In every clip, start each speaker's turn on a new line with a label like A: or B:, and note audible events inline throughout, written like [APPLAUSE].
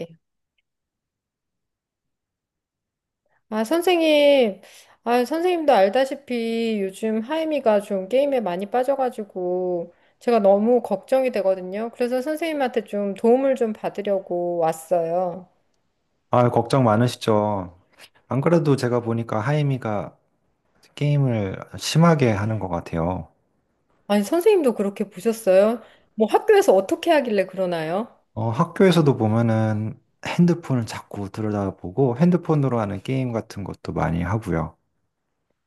A: 예. 아, 선생님. 아, 선생님도 알다시피 요즘 하임이가 좀 게임에 많이 빠져가지고 제가 너무 걱정이 되거든요. 그래서 선생님한테 좀 도움을 좀 받으려고 왔어요.
B: 아, 걱정 많으시죠? 안 그래도 제가 보니까 하이미가 게임을 심하게 하는 것 같아요.
A: 아니, 선생님도 그렇게 보셨어요? 뭐 학교에서 어떻게 하길래 그러나요?
B: 학교에서도 보면은 핸드폰을 자꾸 들여다보고 핸드폰으로 하는 게임 같은 것도 많이 하고요.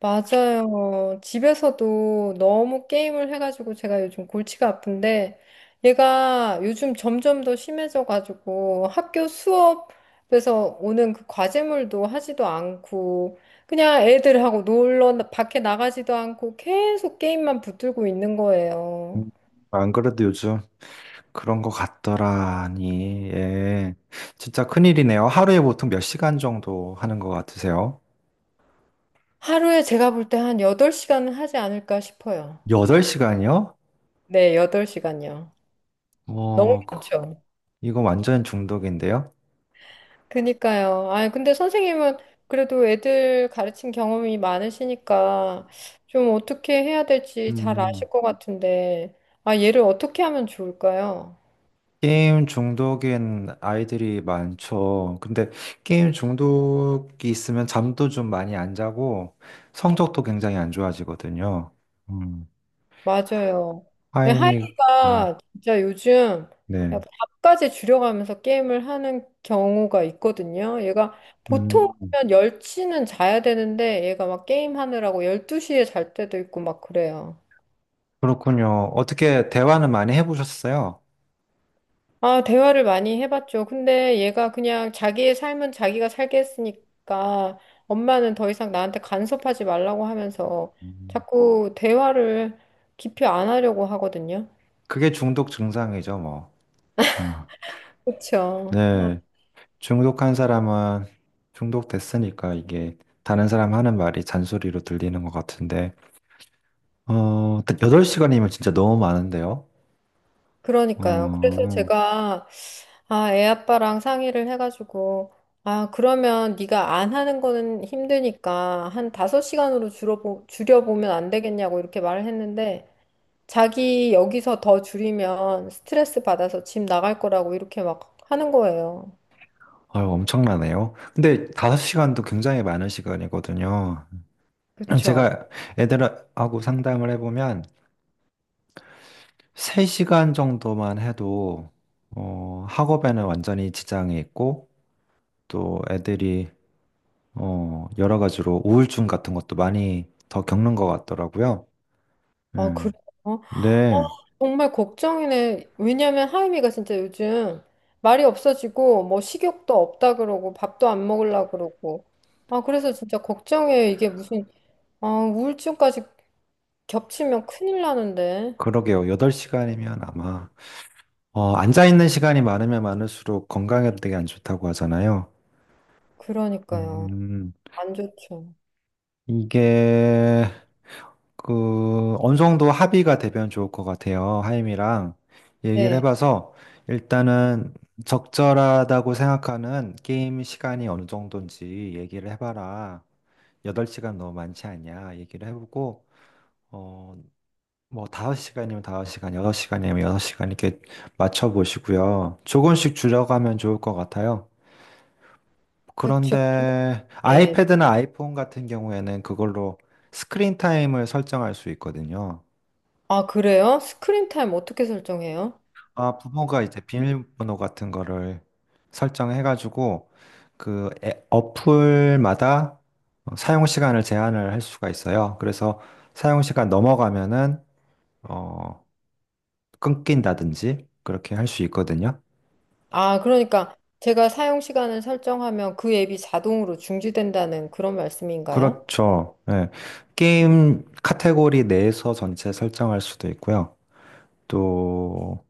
A: 맞아요. 집에서도 너무 게임을 해가지고 제가 요즘 골치가 아픈데 얘가 요즘 점점 더 심해져가지고 학교 수업에서 오는 그 과제물도 하지도 않고 그냥 애들하고 놀러 밖에 나가지도 않고 계속 게임만 붙들고 있는 거예요.
B: 음, 안 그래도 요즘 그런 것 같더라니, 예. 진짜 큰일이네요. 하루에 보통 몇 시간 정도 하는 것 같으세요?
A: 하루에 제가 볼 때 한 8시간은 하지 않을까 싶어요.
B: 8시간이요?
A: 네, 8시간요. 너무
B: 어, 그-
A: 많죠.
B: 이거 완전 중독인데요?
A: 그니까요. 아니, 근데 선생님은 그래도 애들 가르친 경험이 많으시니까 좀 어떻게 해야 될지 잘
B: 음.
A: 아실 것 같은데, 아, 얘를 어떻게 하면 좋을까요?
B: 게임 중독인 아이들이 많죠. 근데 게임 중독이 있으면 잠도 좀 많이 안 자고 성적도 굉장히 안 좋아지거든요. 음,
A: 맞아요.
B: 이 어,
A: 하이가 진짜 요즘
B: 네.
A: 약간 답까지 줄여가면서 게임을 하는 경우가 있거든요. 얘가
B: 음,
A: 보통이면 10시는 자야 되는데 얘가 막 게임하느라고 12시에 잘 때도 있고 막 그래요.
B: 그렇군요. 어떻게 대화는 많이 해보셨어요?
A: 아, 대화를 많이 해봤죠. 근데 얘가 그냥 자기의 삶은 자기가 살게 했으니까 엄마는 더 이상 나한테 간섭하지 말라고 하면서
B: 음,
A: 자꾸 대화를 깊이 안 하려고 하거든요.
B: 그게 중독 증상이죠, 뭐. 어,
A: 그렇죠.
B: 네. 중독한 사람은 중독됐으니까 이게 다른 사람 하는 말이 잔소리로 들리는 것 같은데. 8시간이면 진짜 너무 많은데요?
A: 그러니까요. 그래서
B: 어,
A: 제가 아, 애 아빠랑 상의를 해가지고 아, 그러면 네가 안 하는 거는 힘드니까 한 다섯 시간으로 줄여보면 안 되겠냐고 이렇게 말을 했는데 자기 여기서 더 줄이면 스트레스 받아서 집 나갈 거라고 이렇게 막 하는 거예요.
B: 아유, 엄청나네요. 근데 5시간도 굉장히 많은 시간이거든요.
A: 그쵸?
B: 제가 애들하고 상담을 해보면 3시간 정도만 해도 학업에는 완전히 지장이 있고 또 애들이 여러 가지로 우울증 같은 것도 많이 더 겪는 것 같더라고요.
A: 아, 그래요?
B: 음,
A: 어,
B: 네, 네,
A: 정말 걱정이네. 왜냐면 하임이가 진짜 요즘 말이 없어지고 뭐 식욕도 없다 그러고 밥도 안 먹으려고 그러고. 아, 그래서 진짜 걱정이에요. 이게 무슨 아, 우울증까지 겹치면 큰일 나는데.
B: 그러게요. 8시간이면 아마 앉아있는 시간이 많으면 많을수록 건강에도 되게 안 좋다고 하잖아요.
A: 그러니까요.
B: 음,
A: 안 좋죠.
B: 이게 그 어느 정도 합의가 되면 좋을 것 같아요. 하임이랑 얘기를
A: 네.
B: 해봐서 일단은 적절하다고 생각하는 게임 시간이 어느 정도인지 얘기를 해봐라. 8시간 너무 많지 않냐 얘기를 해보고 어 뭐 5시간이면 5시간, 6시간이면 6시간 이렇게 맞춰 보시고요. 조금씩 줄여가면 좋을 것 같아요.
A: 그쵸.
B: 그런데
A: 예.
B: 아이패드나 아이폰 같은 경우에는 그걸로 스크린 타임을 설정할 수 있거든요.
A: 아, 그래요? 스크린 타임 어떻게 설정해요?
B: 아, 부모가 이제 비밀번호 같은 거를 설정해가지고 그 어플마다 사용 시간을 제한을 할 수가 있어요. 그래서 사용 시간 넘어가면은 어, 끊긴다든지 그렇게 할 수 있거든요.
A: 아, 그러니까 제가 사용 시간을 설정하면 그 앱이 자동으로 중지된다는 그런 말씀인가요?
B: 그렇죠. 예. 게임 카테고리 내에서 전체 설정할 수도 있고요. 또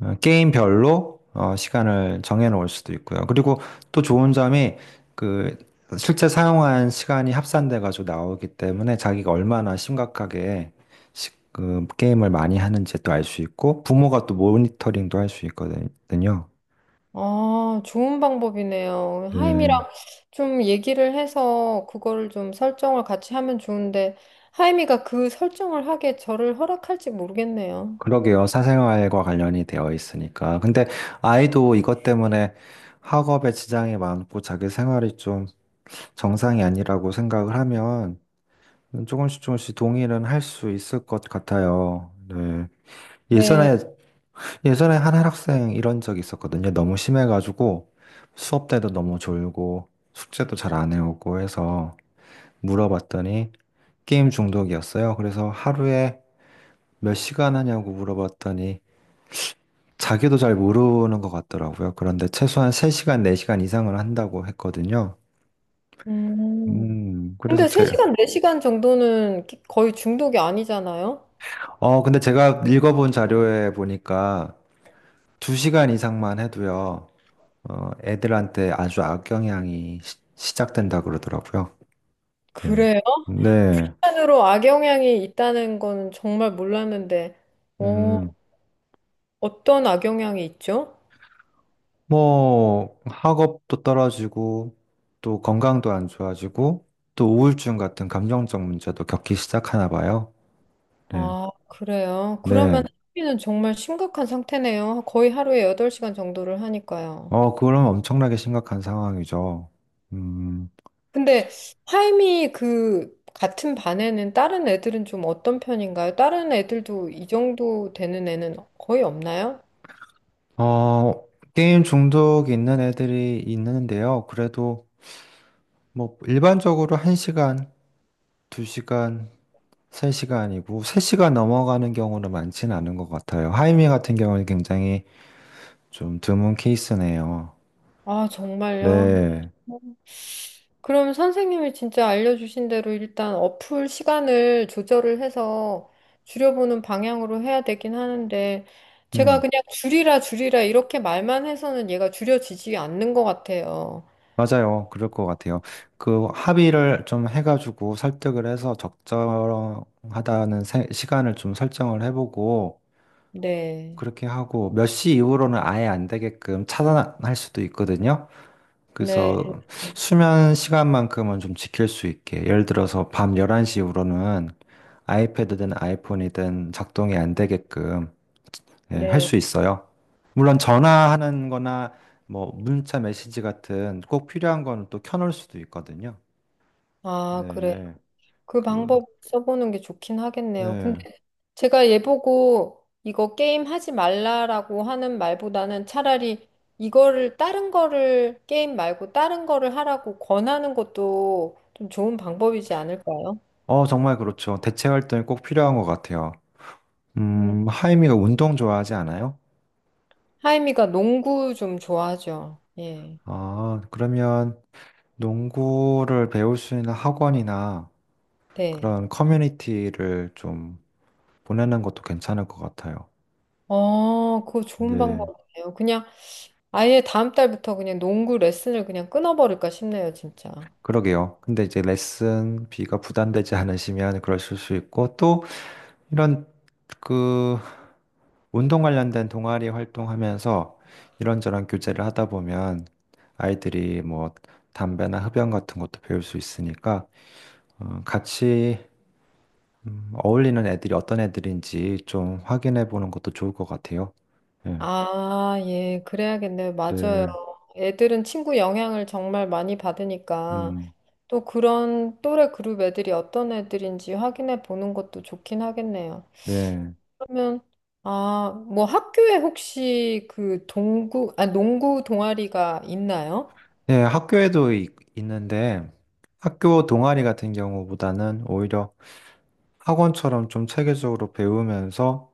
B: 게임별로 시간을 정해놓을 수도 있고요. 그리고 또 좋은 점이 그 실제 사용한 시간이 합산돼가지고 나오기 때문에 자기가 얼마나 심각하게 그 게임을 많이 하는지 또 알 수 있고 부모가 또 모니터링도 할 수 있거든요.
A: 아, 좋은 방법이네요. 하임이랑
B: 네.
A: 좀 얘기를 해서 그거를 좀 설정을 같이 하면 좋은데 하임이가 그 설정을 하게 저를 허락할지 모르겠네요.
B: 그러게요. 사생활과 관련이 되어 있으니까. 근데 아이도 이것 때문에 학업에 지장이 많고 자기 생활이 좀 정상이 아니라고 생각을 하면 조금씩 조금씩 동의는 할 수 있을 것 같아요. 네.
A: 네.
B: 예전에, 예전에 한 학생 이런 적이 있었거든요. 너무 심해가지고 수업 때도 너무 졸고 숙제도 잘 안 해오고 해서 물어봤더니 게임 중독이었어요. 그래서 하루에 몇 시간 하냐고 물어봤더니 자기도 잘 모르는 것 같더라고요. 그런데 최소한 3시간, 4시간 이상을 한다고 했거든요.
A: 음.
B: 음, 그래서
A: 근데
B: 제,
A: 3시간, 4시간 정도는 거의 중독이 아니잖아요?
B: 근데 제가 읽어본 자료에 보니까 두 시간 이상만 해도요, 애들한테 아주 악영향이 시 작된다 그러더라고요. 네.
A: 그래요?
B: 네.
A: 으로 악영향이 있다는 거는 정말 몰랐는데, 어,
B: 음,
A: 어떤 악영향이 있죠?
B: 뭐, 학업도 떨어지고, 또 건강도 안 좋아지고, 또 우울증 같은 감정적 문제도 겪기 시작하나 봐요. 네.
A: 아, 그래요? 그러면
B: 네.
A: 학비는 정말 심각한 상태네요. 거의 하루에 8시간 정도를 하니까요.
B: 그럼 엄청나게 심각한 상황이죠. 음,
A: 근데 하임이 그 같은 반에는 다른 애들은 좀 어떤 편인가요? 다른 애들도 이 정도 되는 애는 거의 없나요?
B: 어, 게임 중독이 있는 애들이 있는데요. 그래도 뭐 일반적으로 1시간, 2시간 3시간이고, 3시간 넘어가는 경우는 많지는 않은 것 같아요. 하이미 같은 경우는 굉장히 좀 드문 케이스네요.
A: 아, 정말요?
B: 네.
A: 그럼 선생님이 진짜 알려주신 대로 일단 어플 시간을 조절을 해서 줄여보는 방향으로 해야 되긴 하는데, 제가
B: 음,
A: 그냥 줄이라 줄이라 이렇게 말만 해서는 얘가 줄여지지 않는 것 같아요.
B: 맞아요. 그럴 것 같아요. 그 합의를 좀 해가지고 설득을 해서 적절하다는 시간을 좀 설정을 해보고,
A: 네,
B: 그렇게 하고, 몇 시 이후로는 아예 안 되게끔 차단할 수도 있거든요.
A: 네,
B: 그래서 수면 시간만큼은 좀 지킬 수 있게. 예를 들어서 밤 11시 이후로는 아이패드든 아이폰이든 작동이 안 되게끔 예, 할
A: 네.
B: 수 있어요. 물론 전화하는 거나 뭐 문자 메시지 같은 꼭 필요한 거는 또 켜놓을 수도 있거든요.
A: 아, 그래.
B: 네.
A: 그
B: 그,
A: 방법 써보는 게 좋긴 하겠네요.
B: 네.
A: 근데 제가 얘 보고 이거 게임 하지 말라라고 하는 말보다는 차라리 이거를 다른 거를 게임 말고 다른 거를 하라고 권하는 것도 좀 좋은 방법이지 않을까요?
B: 정말 그렇죠. 대체 활동이 꼭 필요한 것 같아요.
A: 음.
B: 하이미가 운동 좋아하지 않아요?
A: 하임이가 농구 좀 좋아하죠. 예.
B: 아, 그러면 농구를 배울 수 있는 학원이나
A: 네.
B: 그런 커뮤니티를 좀 보내는 것도 괜찮을 것 같아요.
A: 그거 좋은
B: 네,
A: 방법이네요. 그냥 아예 다음 달부터 그냥 농구 레슨을 그냥 끊어버릴까 싶네요, 진짜.
B: 그러게요. 근데 이제 레슨비가 부담되지 않으시면 그러실 수 있고, 또 이런 그 운동 관련된 동아리 활동하면서 이런저런 교제를 하다 보면 아이들이 뭐 담배나 흡연 같은 것도 배울 수 있으니까, 같이 어울리는 애들이 어떤 애들인지 좀 확인해 보는 것도 좋을 것 같아요. 예,
A: 아, 예, 그래야겠네요. 맞아요.
B: 네,
A: 애들은 친구 영향을 정말 많이 받으니까
B: 음,
A: 또 그런 또래 그룹 애들이 어떤 애들인지 확인해 보는 것도 좋긴 하겠네요.
B: 네.
A: 그러면 아, 뭐 학교에 혹시 그 농구 동아리가 있나요?
B: 네, 학교에도 있는데 학교 동아리 같은 경우보다는 오히려 학원처럼 좀 체계적으로 배우면서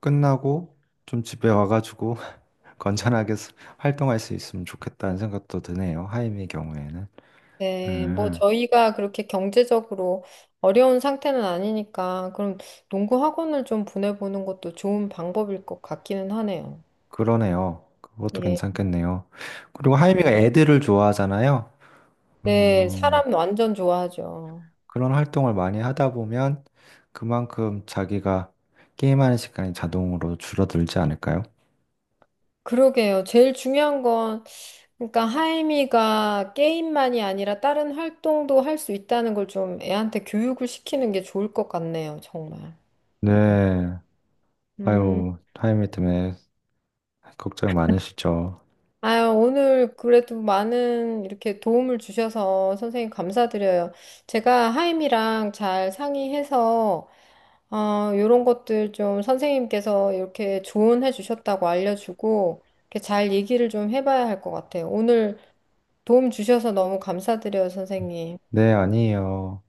B: 끝나고 좀 집에 와가지고 [LAUGHS] 건전하게 활동할 수 있으면 좋겠다는 생각도 드네요. 하임의 경우에는.
A: 네, 뭐
B: 음,
A: 저희가 그렇게 경제적으로 어려운 상태는 아니니까 그럼 농구 학원을 좀 보내보는 것도 좋은 방법일 것 같기는 하네요.
B: 그러네요. 그것도
A: 예.
B: 괜찮겠네요. 그리고 하임이가 애들을 좋아하잖아요.
A: 네,
B: 음,
A: 사람 완전 좋아하죠.
B: 그런 활동을 많이 하다 보면 그만큼 자기가 게임하는 시간이 자동으로 줄어들지 않을까요?
A: 그러게요. 제일 중요한 건, 그러니까 하임이가 게임만이 아니라 다른 활동도 할 수 있다는 걸 좀 애한테 교육을 시키는 게 좋을 것 같네요, 정말.
B: 네.
A: 음,
B: 아유, 타이밍 때문에 걱정 많으시죠?
A: 아유, 오늘 그래도 많은 이렇게 도움을 주셔서 선생님 감사드려요. 제가 하임이랑 잘 상의해서, 어, 요런 것들 좀 선생님께서 이렇게 조언해 주셨다고 알려주고, 이렇게 잘 얘기를 좀 해봐야 할 것 같아요. 오늘 도움 주셔서 너무 감사드려요, 선생님.
B: 네, 아니에요.